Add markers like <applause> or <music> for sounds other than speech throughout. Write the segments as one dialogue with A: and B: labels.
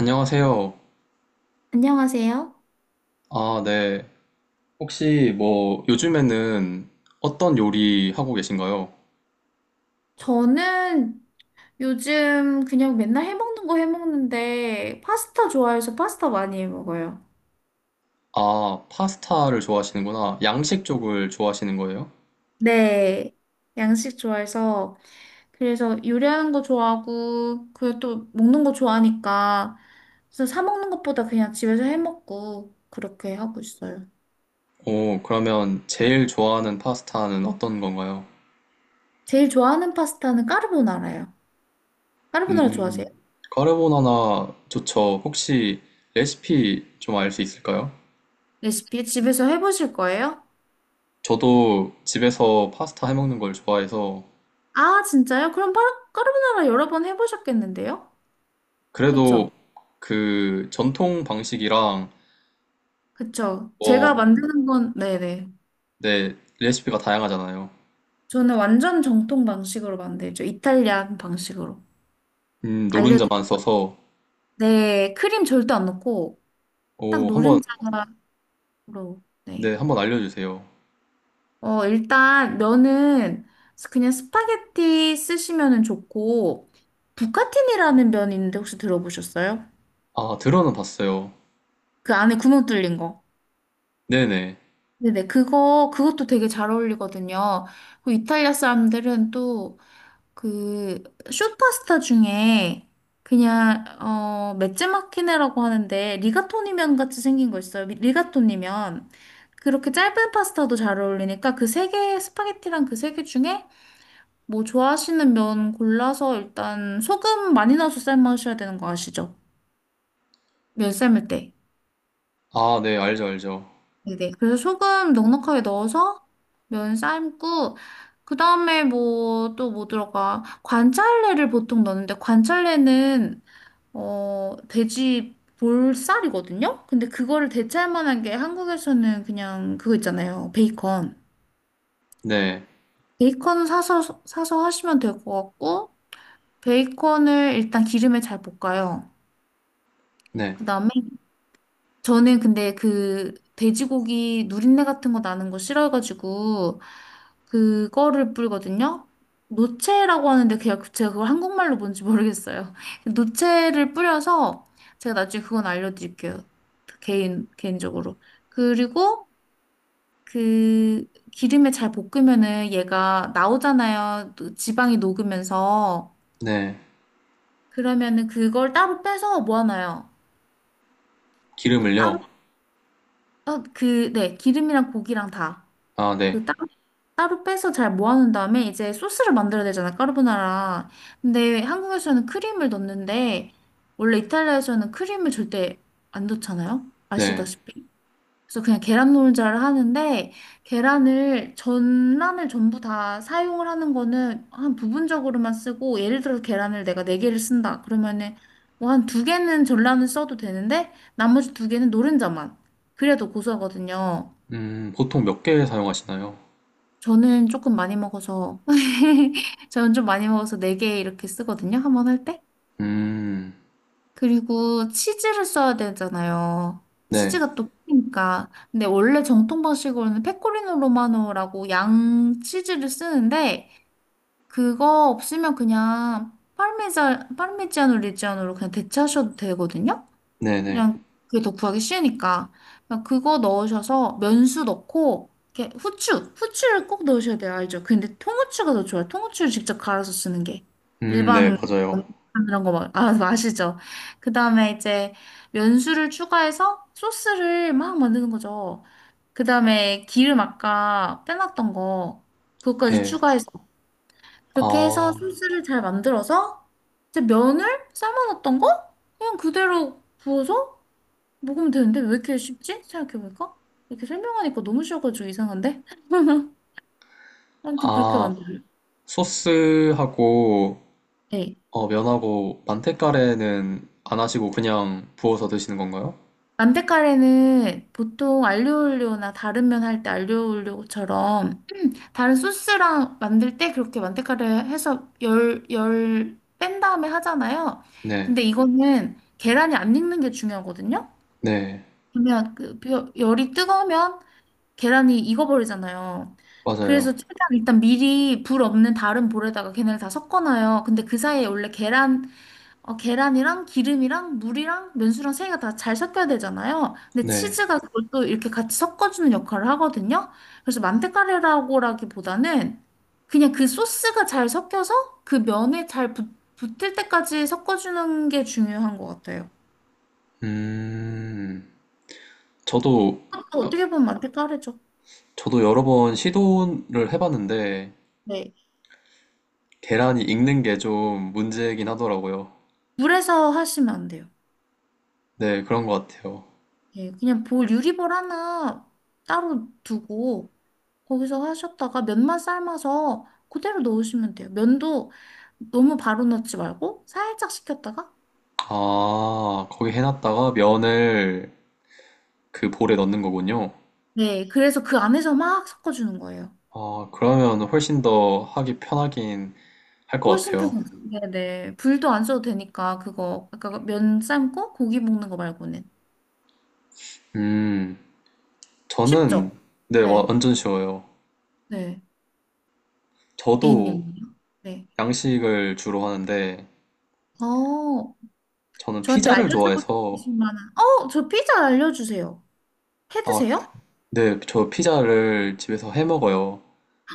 A: 안녕하세요.
B: 안녕하세요.
A: 아, 네. 혹시 뭐 요즘에는 어떤 요리 하고 계신가요?
B: 저는 요즘 그냥 맨날 해먹는 거 해먹는데 파스타 좋아해서 파스타 많이 해먹어요.
A: 아, 파스타를 좋아하시는구나. 양식 쪽을 좋아하시는 거예요?
B: 네, 양식 좋아해서 그래서 요리하는 거 좋아하고 그리고 또 먹는 거 좋아하니까 그래서 사 먹는 것보다 그냥 집에서 해먹고 그렇게 하고 있어요.
A: 오, 그러면 제일 좋아하는 파스타는 어떤 건가요?
B: 제일 좋아하는 파스타는 까르보나라예요. 까르보나라 좋아하세요?
A: 음, 카르보나나 좋죠. 혹시 레시피 좀 알 수 있을까요?
B: 레시피 집에서 해보실 거예요?
A: 저도 집에서 파스타 해먹는 걸 좋아해서
B: 아, 진짜요? 그럼 까르보나라 여러 번 해보셨겠는데요?
A: 그래도
B: 그쵸?
A: 그 전통 방식이랑
B: 그쵸. 제가 만드는 건, 네네.
A: 네, 레시피가 다양하잖아요.
B: 저는 완전 정통 방식으로 만들죠. 이탈리안 방식으로.
A: 노른자만
B: 알려드릴게요.
A: 써서,
B: 네, 크림 절대 안 넣고, 딱
A: 오, 한 번,
B: 노른자로.
A: 네,
B: 네.
A: 한 번 알려주세요.
B: 일단 면은 그냥 스파게티 쓰시면은 좋고, 부카틴이라는 면이 있는데 혹시 들어보셨어요?
A: 아, 들어는 봤어요.
B: 그 안에 구멍 뚫린 거.
A: 네네.
B: 네네, 그거, 그것도 되게 잘 어울리거든요. 그 이탈리아 사람들은 또 그 슈퍼스타 중에 그냥 맷즈 마키네라고 하는데 리가토니면 같이 생긴 거 있어요. 리가토니면 그렇게 짧은 파스타도 잘 어울리니까 그 세 개 스파게티랑 그 세 개 중에 뭐 좋아하시는 면 골라서 일단 소금 많이 넣어서 삶으셔야 되는 거 아시죠? 면 삶을 때.
A: 아, 네, 알죠, 알죠.
B: 네네. 그래서 소금 넉넉하게 넣어서 면 삶고 그 다음에 뭐 또 뭐 들어가 관찰래를 보통 넣는데 관찰래는 돼지 볼살이거든요? 근데 그거를 대체할 만한 게 한국에서는 그냥 그거 있잖아요. 베이컨.
A: 네,
B: 베이컨 사서 하시면 될 것 같고, 베이컨을 일단 기름에 잘 볶아요.
A: 네,
B: 그 다음에 저는 근데 그 돼지고기 누린내 같은 거 나는 거 싫어해가지고 그거를 뿌리거든요. 노체라고 하는데 그냥 제가 그걸 한국말로 뭔지 모르겠어요. <laughs> 노체를 뿌려서 제가 나중에 그건 알려드릴게요. 개인적으로. 그리고 그 기름에 잘 볶으면은 얘가 나오잖아요. 또 지방이 녹으면서
A: 네.
B: 그러면은 그걸 따로 빼서 모아놔요. 그 따로
A: 기름을요?
B: 네, 기름이랑 고기랑 다.
A: 아, 네,
B: 그 따로 빼서 잘 모아놓은 다음에 이제 소스를 만들어야 되잖아, 까르보나라. 근데 한국에서는 크림을 넣는데 원래 이탈리아에서는 크림을 절대 안 넣잖아요?
A: 네.
B: 아시다시피. 그래서 그냥 계란 노른자를 하는데 계란을 전란을 전부 다 사용을 하는 거는 한 부분적으로만 쓰고 예를 들어서 계란을 내가 네 개를 쓴다. 그러면은 뭐 한 두 개는 전란을 써도 되는데 나머지 두 개는 노른자만. 그래도 고소하거든요.
A: 보통 몇 개 사용하시나요?
B: 저는 조금 많이 먹어서, <laughs> 저는 좀 많이 먹어서 4개 이렇게 쓰거든요. 한 번 할 때.
A: 음,
B: 그리고 치즈를 써야 되잖아요.
A: 네,
B: 치즈가 또 크니까. 근데 원래 정통 방식으로는 페코리노 로마노라고 양 치즈를 쓰는데, 그거 없으면 그냥 파르메자, 파르미지아노 레지아노로 그냥 대체하셔도 되거든요.
A: 네네.
B: 그냥 그게 더 구하기 쉬우니까. 그냥 그거 넣으셔서 면수 넣고, 이렇게 후추, 후추를 꼭 넣으셔야 돼요. 알죠? 그 근데 통후추가 더 좋아요. 통후추를 직접 갈아서 쓰는 게.
A: 네,
B: 일반
A: 맞아요.
B: 이런 거 막, 아, 아시죠? 그 다음에 이제 면수를 추가해서 소스를 막 만드는 거죠. 그 다음에 기름 아까 빼놨던 거, 그것까지
A: 예.
B: 추가해서. 그렇게 해서
A: 아,
B: 소스를 잘 만들어서 이제 면을 삶아놨던 거? 그냥 그대로 부어서 먹으면 되는데 왜 이렇게 쉽지? 생각해볼까? 이렇게 설명하니까 너무 쉬워가지고 이상한데? <laughs> 아무튼 그렇게
A: 아,
B: 만들어요.
A: 소스하고,
B: 네.
A: 어, 면하고, 만테카레는 안 하시고 그냥 부어서 드시는 건가요?
B: 만테카레는 보통 알리오올리오나 다른 면 할 때 알리오올리오처럼 다른 소스랑 만들 때 그렇게 만테카레 해서 열 뺀 다음에 하잖아요.
A: 네,
B: 근데 이거는 계란이 안 익는 게 중요하거든요.
A: 네,
B: 그러면 그 열이 뜨거우면 계란이 익어버리잖아요. 그래서
A: 맞아요.
B: 최대한 일단 미리 불 없는 다른 볼에다가 걔네를 다 섞어놔요. 근데 그 사이에 원래 계란, 계란이랑 기름이랑 물이랑 면수랑 세 개가 다 잘 섞여야 되잖아요. 근데
A: 네.
B: 치즈가 그걸 또 이렇게 같이 섞어주는 역할을 하거든요. 그래서 만테카레라고라기보다는 그냥 그 소스가 잘 섞여서 그 면에 잘 붙을 때까지 섞어주는 게 중요한 것 같아요.
A: 음, 저도,
B: 그것도 어떻게 보면 만테카레죠.
A: 저도 여러 번 시도를 해봤는데,
B: 네.
A: 계란이 익는 게 좀 문제긴 하더라고요.
B: 물에서 하시면 안 돼요.
A: 네, 그런 것 같아요.
B: 예, 그냥 볼 유리볼 하나 따로 두고 거기서 하셨다가 면만 삶아서 그대로 넣으시면 돼요. 면도 너무 바로 넣지 말고 살짝 식혔다가
A: 아, 거기 해놨다가 면을 그 볼에 넣는 거군요.
B: 네, 그래서 그 안에서 막 섞어주는 거예요.
A: 아, 그러면 훨씬 더 하기 편하긴 할 것
B: 훨씬
A: 같아요.
B: 편하죠. 네네. 불도 안 써도 되니까 그거 아까 면 삶고 고기 볶는 거 말고는
A: 음, 저는,
B: 쉽죠?
A: 네, 와,
B: 네,
A: 완전 쉬워요.
B: 네.
A: 저도
B: A님은요? 네.
A: 양식을 주로 하는데,
B: 어,
A: 저는
B: 저한테
A: 피자를
B: 알려주고
A: 좋아해서,
B: 싶으신 만한, 저 피자 알려주세요. 해
A: 아,
B: 드세요?
A: 네, 저 피자를 집에서 해 먹어요.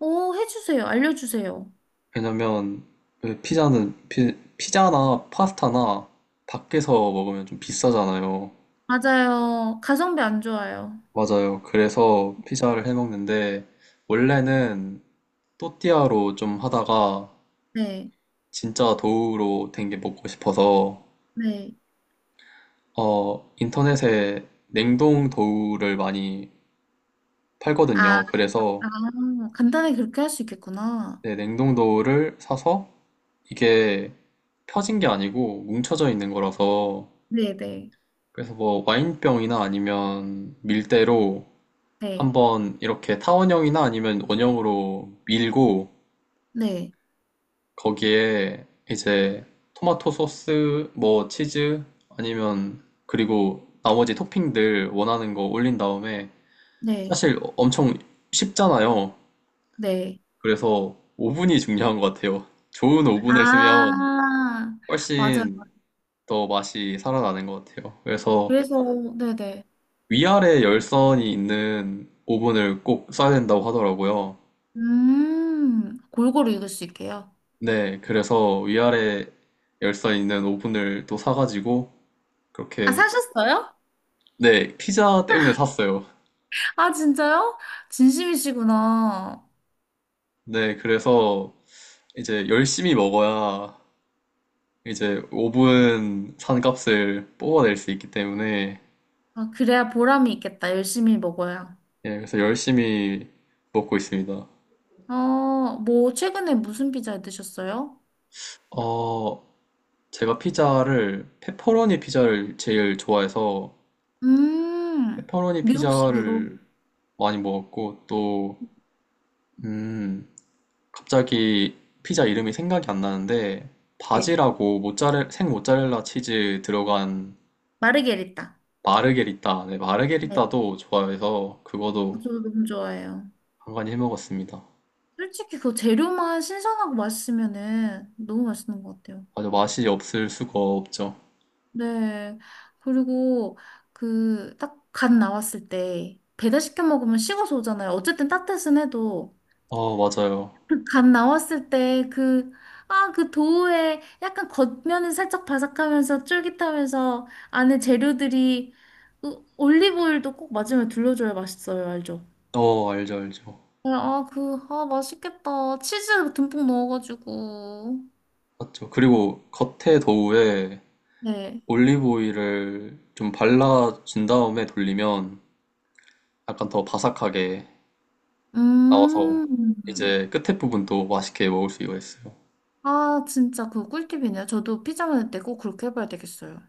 B: 오, 해주세요. 알려주세요.
A: 왜냐면 왜 피자는 피자나 파스타나 밖에서 먹으면 좀 비싸잖아요.
B: 맞아요. 가성비 안 좋아요.
A: 맞아요. 그래서 피자를 해 먹는데 원래는 또띠아로 좀 하다가
B: 네,
A: 진짜 도우로 된 게 먹고 싶어서
B: 네.
A: 어 인터넷에 냉동 도우를 많이
B: 아,
A: 팔거든요.
B: 아,
A: 그래서
B: 간단하게 그렇게 할 수 있겠구나.
A: 네, 냉동 도우를 사서 이게 펴진 게 아니고 뭉쳐져 있는 거라서
B: 네, 네,
A: 그래서 뭐 와인병이나 아니면 밀대로
B: 네,
A: 한번 이렇게 타원형이나 아니면 원형으로 밀고
B: 네,
A: 거기에 이제 토마토 소스, 뭐 치즈 아니면 그리고 나머지 토핑들 원하는 거 올린 다음에
B: 네,
A: 사실 엄청 쉽잖아요.
B: 네.
A: 그래서 오븐이 중요한 것 같아요. 좋은 오븐을 쓰면
B: 아, 맞아요.
A: 훨씬 더 맛이 살아나는 것 같아요. 그래서
B: 그래서, 네, 네.
A: 위아래 열선이 있는 오븐을 꼭 써야 된다고 하더라고요.
B: 골고루 읽을 수 있게요.
A: 네, 그래서 위아래 열선 있는 오븐을 또 사가지고
B: 아,
A: 그렇게
B: 사셨어요?
A: 네, 피자 때문에 샀어요.
B: 아, 진짜요? 진심이시구나.
A: 네, 그래서 이제 열심히 먹어야 이제 오븐 산 값을 뽑아낼 수 있기 때문에
B: 아, 그래야 보람이 있겠다. 열심히 먹어야.
A: 예, 그래서 열심히 먹고 있습니다.
B: 어, 뭐, 최근에 무슨 피자 드셨어요?
A: 어, 제가 피자를 페퍼로니 피자를 제일 좋아해서
B: 음,
A: 페퍼로니
B: 미국식으로.
A: 피자를 많이 먹었고 또 음, 갑자기 피자 이름이 생각이 안 나는데
B: 네,
A: 바지라고 모짜렐 생 모짜렐라 치즈 들어간
B: 마르게리타.
A: 마르게리따 네,
B: 네,
A: 마르게리따도 좋아해서 그거도
B: 저도 너무 좋아해요.
A: 간간히 해 먹었습니다.
B: 솔직히 그 재료만 신선하고 맛있으면은 너무 맛있는 것 같아요.
A: 맞아 맛이 없을 수가 없죠.
B: 네, 그리고 그 딱 간 나왔을 때 배달시켜 먹으면 식어서 오잖아요. 어쨌든 따뜻은 해도
A: 어 맞아요.
B: 그간 나왔을 때 그, 아, 그 도우에 약간 겉면은 살짝 바삭하면서 쫄깃하면서 안에 재료들이 그 올리브오일도 꼭 마지막에 둘러줘야 맛있어요. 알죠?
A: 어 알죠 알죠.
B: 네, 아, 그, 아, 맛있겠다. 치즈 듬뿍 넣어가지고.
A: 맞죠. 그리고 겉에 도우에
B: 네.
A: 올리브 오일을 좀 발라준 다음에 돌리면 약간 더 바삭하게 나와서
B: 음.
A: 이제 끝에 부분도 맛있게 먹을 수 있어요.
B: 아, 진짜 그거 꿀팁이네요. 저도 피자 만들 때 꼭 그렇게 해봐야 되겠어요.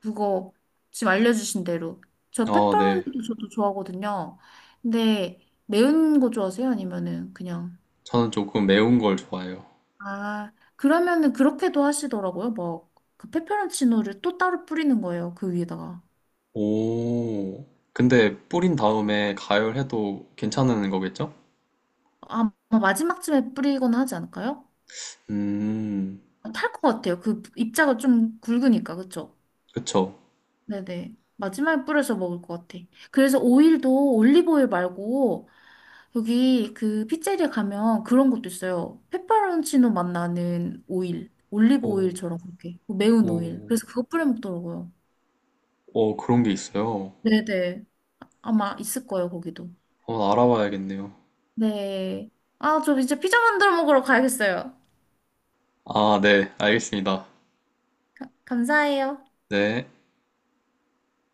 B: 그거 지금 알려주신 대로. 저
A: 아, 네.
B: 페퍼로니도 저도 좋아하거든요. 근데 매운 거 좋아하세요? 아니면은 그냥.
A: 저는 조금 매운 걸 좋아해요.
B: 아, 그러면은 그렇게도 하시더라고요. 막, 그 페페론치노를 또 따로 뿌리는 거예요. 그 위에다가.
A: 오. 근데 뿌린 다음에 가열해도 괜찮은 거겠죠?
B: 아마 마지막쯤에 뿌리거나 하지 않을까요?
A: 음,
B: 탈 것 같아요. 그 입자가 좀 굵으니까, 그쵸?
A: 그쵸.
B: 네네. 마지막에 뿌려서 먹을 것 같아. 그래서 오일도 올리브 오일 말고, 여기 그 피자리에 가면 그런 것도 있어요. 페퍼론치노 맛 나는 오일. 올리브
A: 오,
B: 오일처럼 그렇게. 매운 오일.
A: 오,
B: 그래서 그거 뿌려 먹더라고요.
A: 오, 그런 게 있어요.
B: 네네. 아마 있을 거예요, 거기도.
A: 한번 알아봐야겠네요.
B: 네. 아, 저 이제 피자 만들어 먹으러 가야겠어요.
A: 아, 네, 알겠습니다.
B: 감사해요.
A: 네.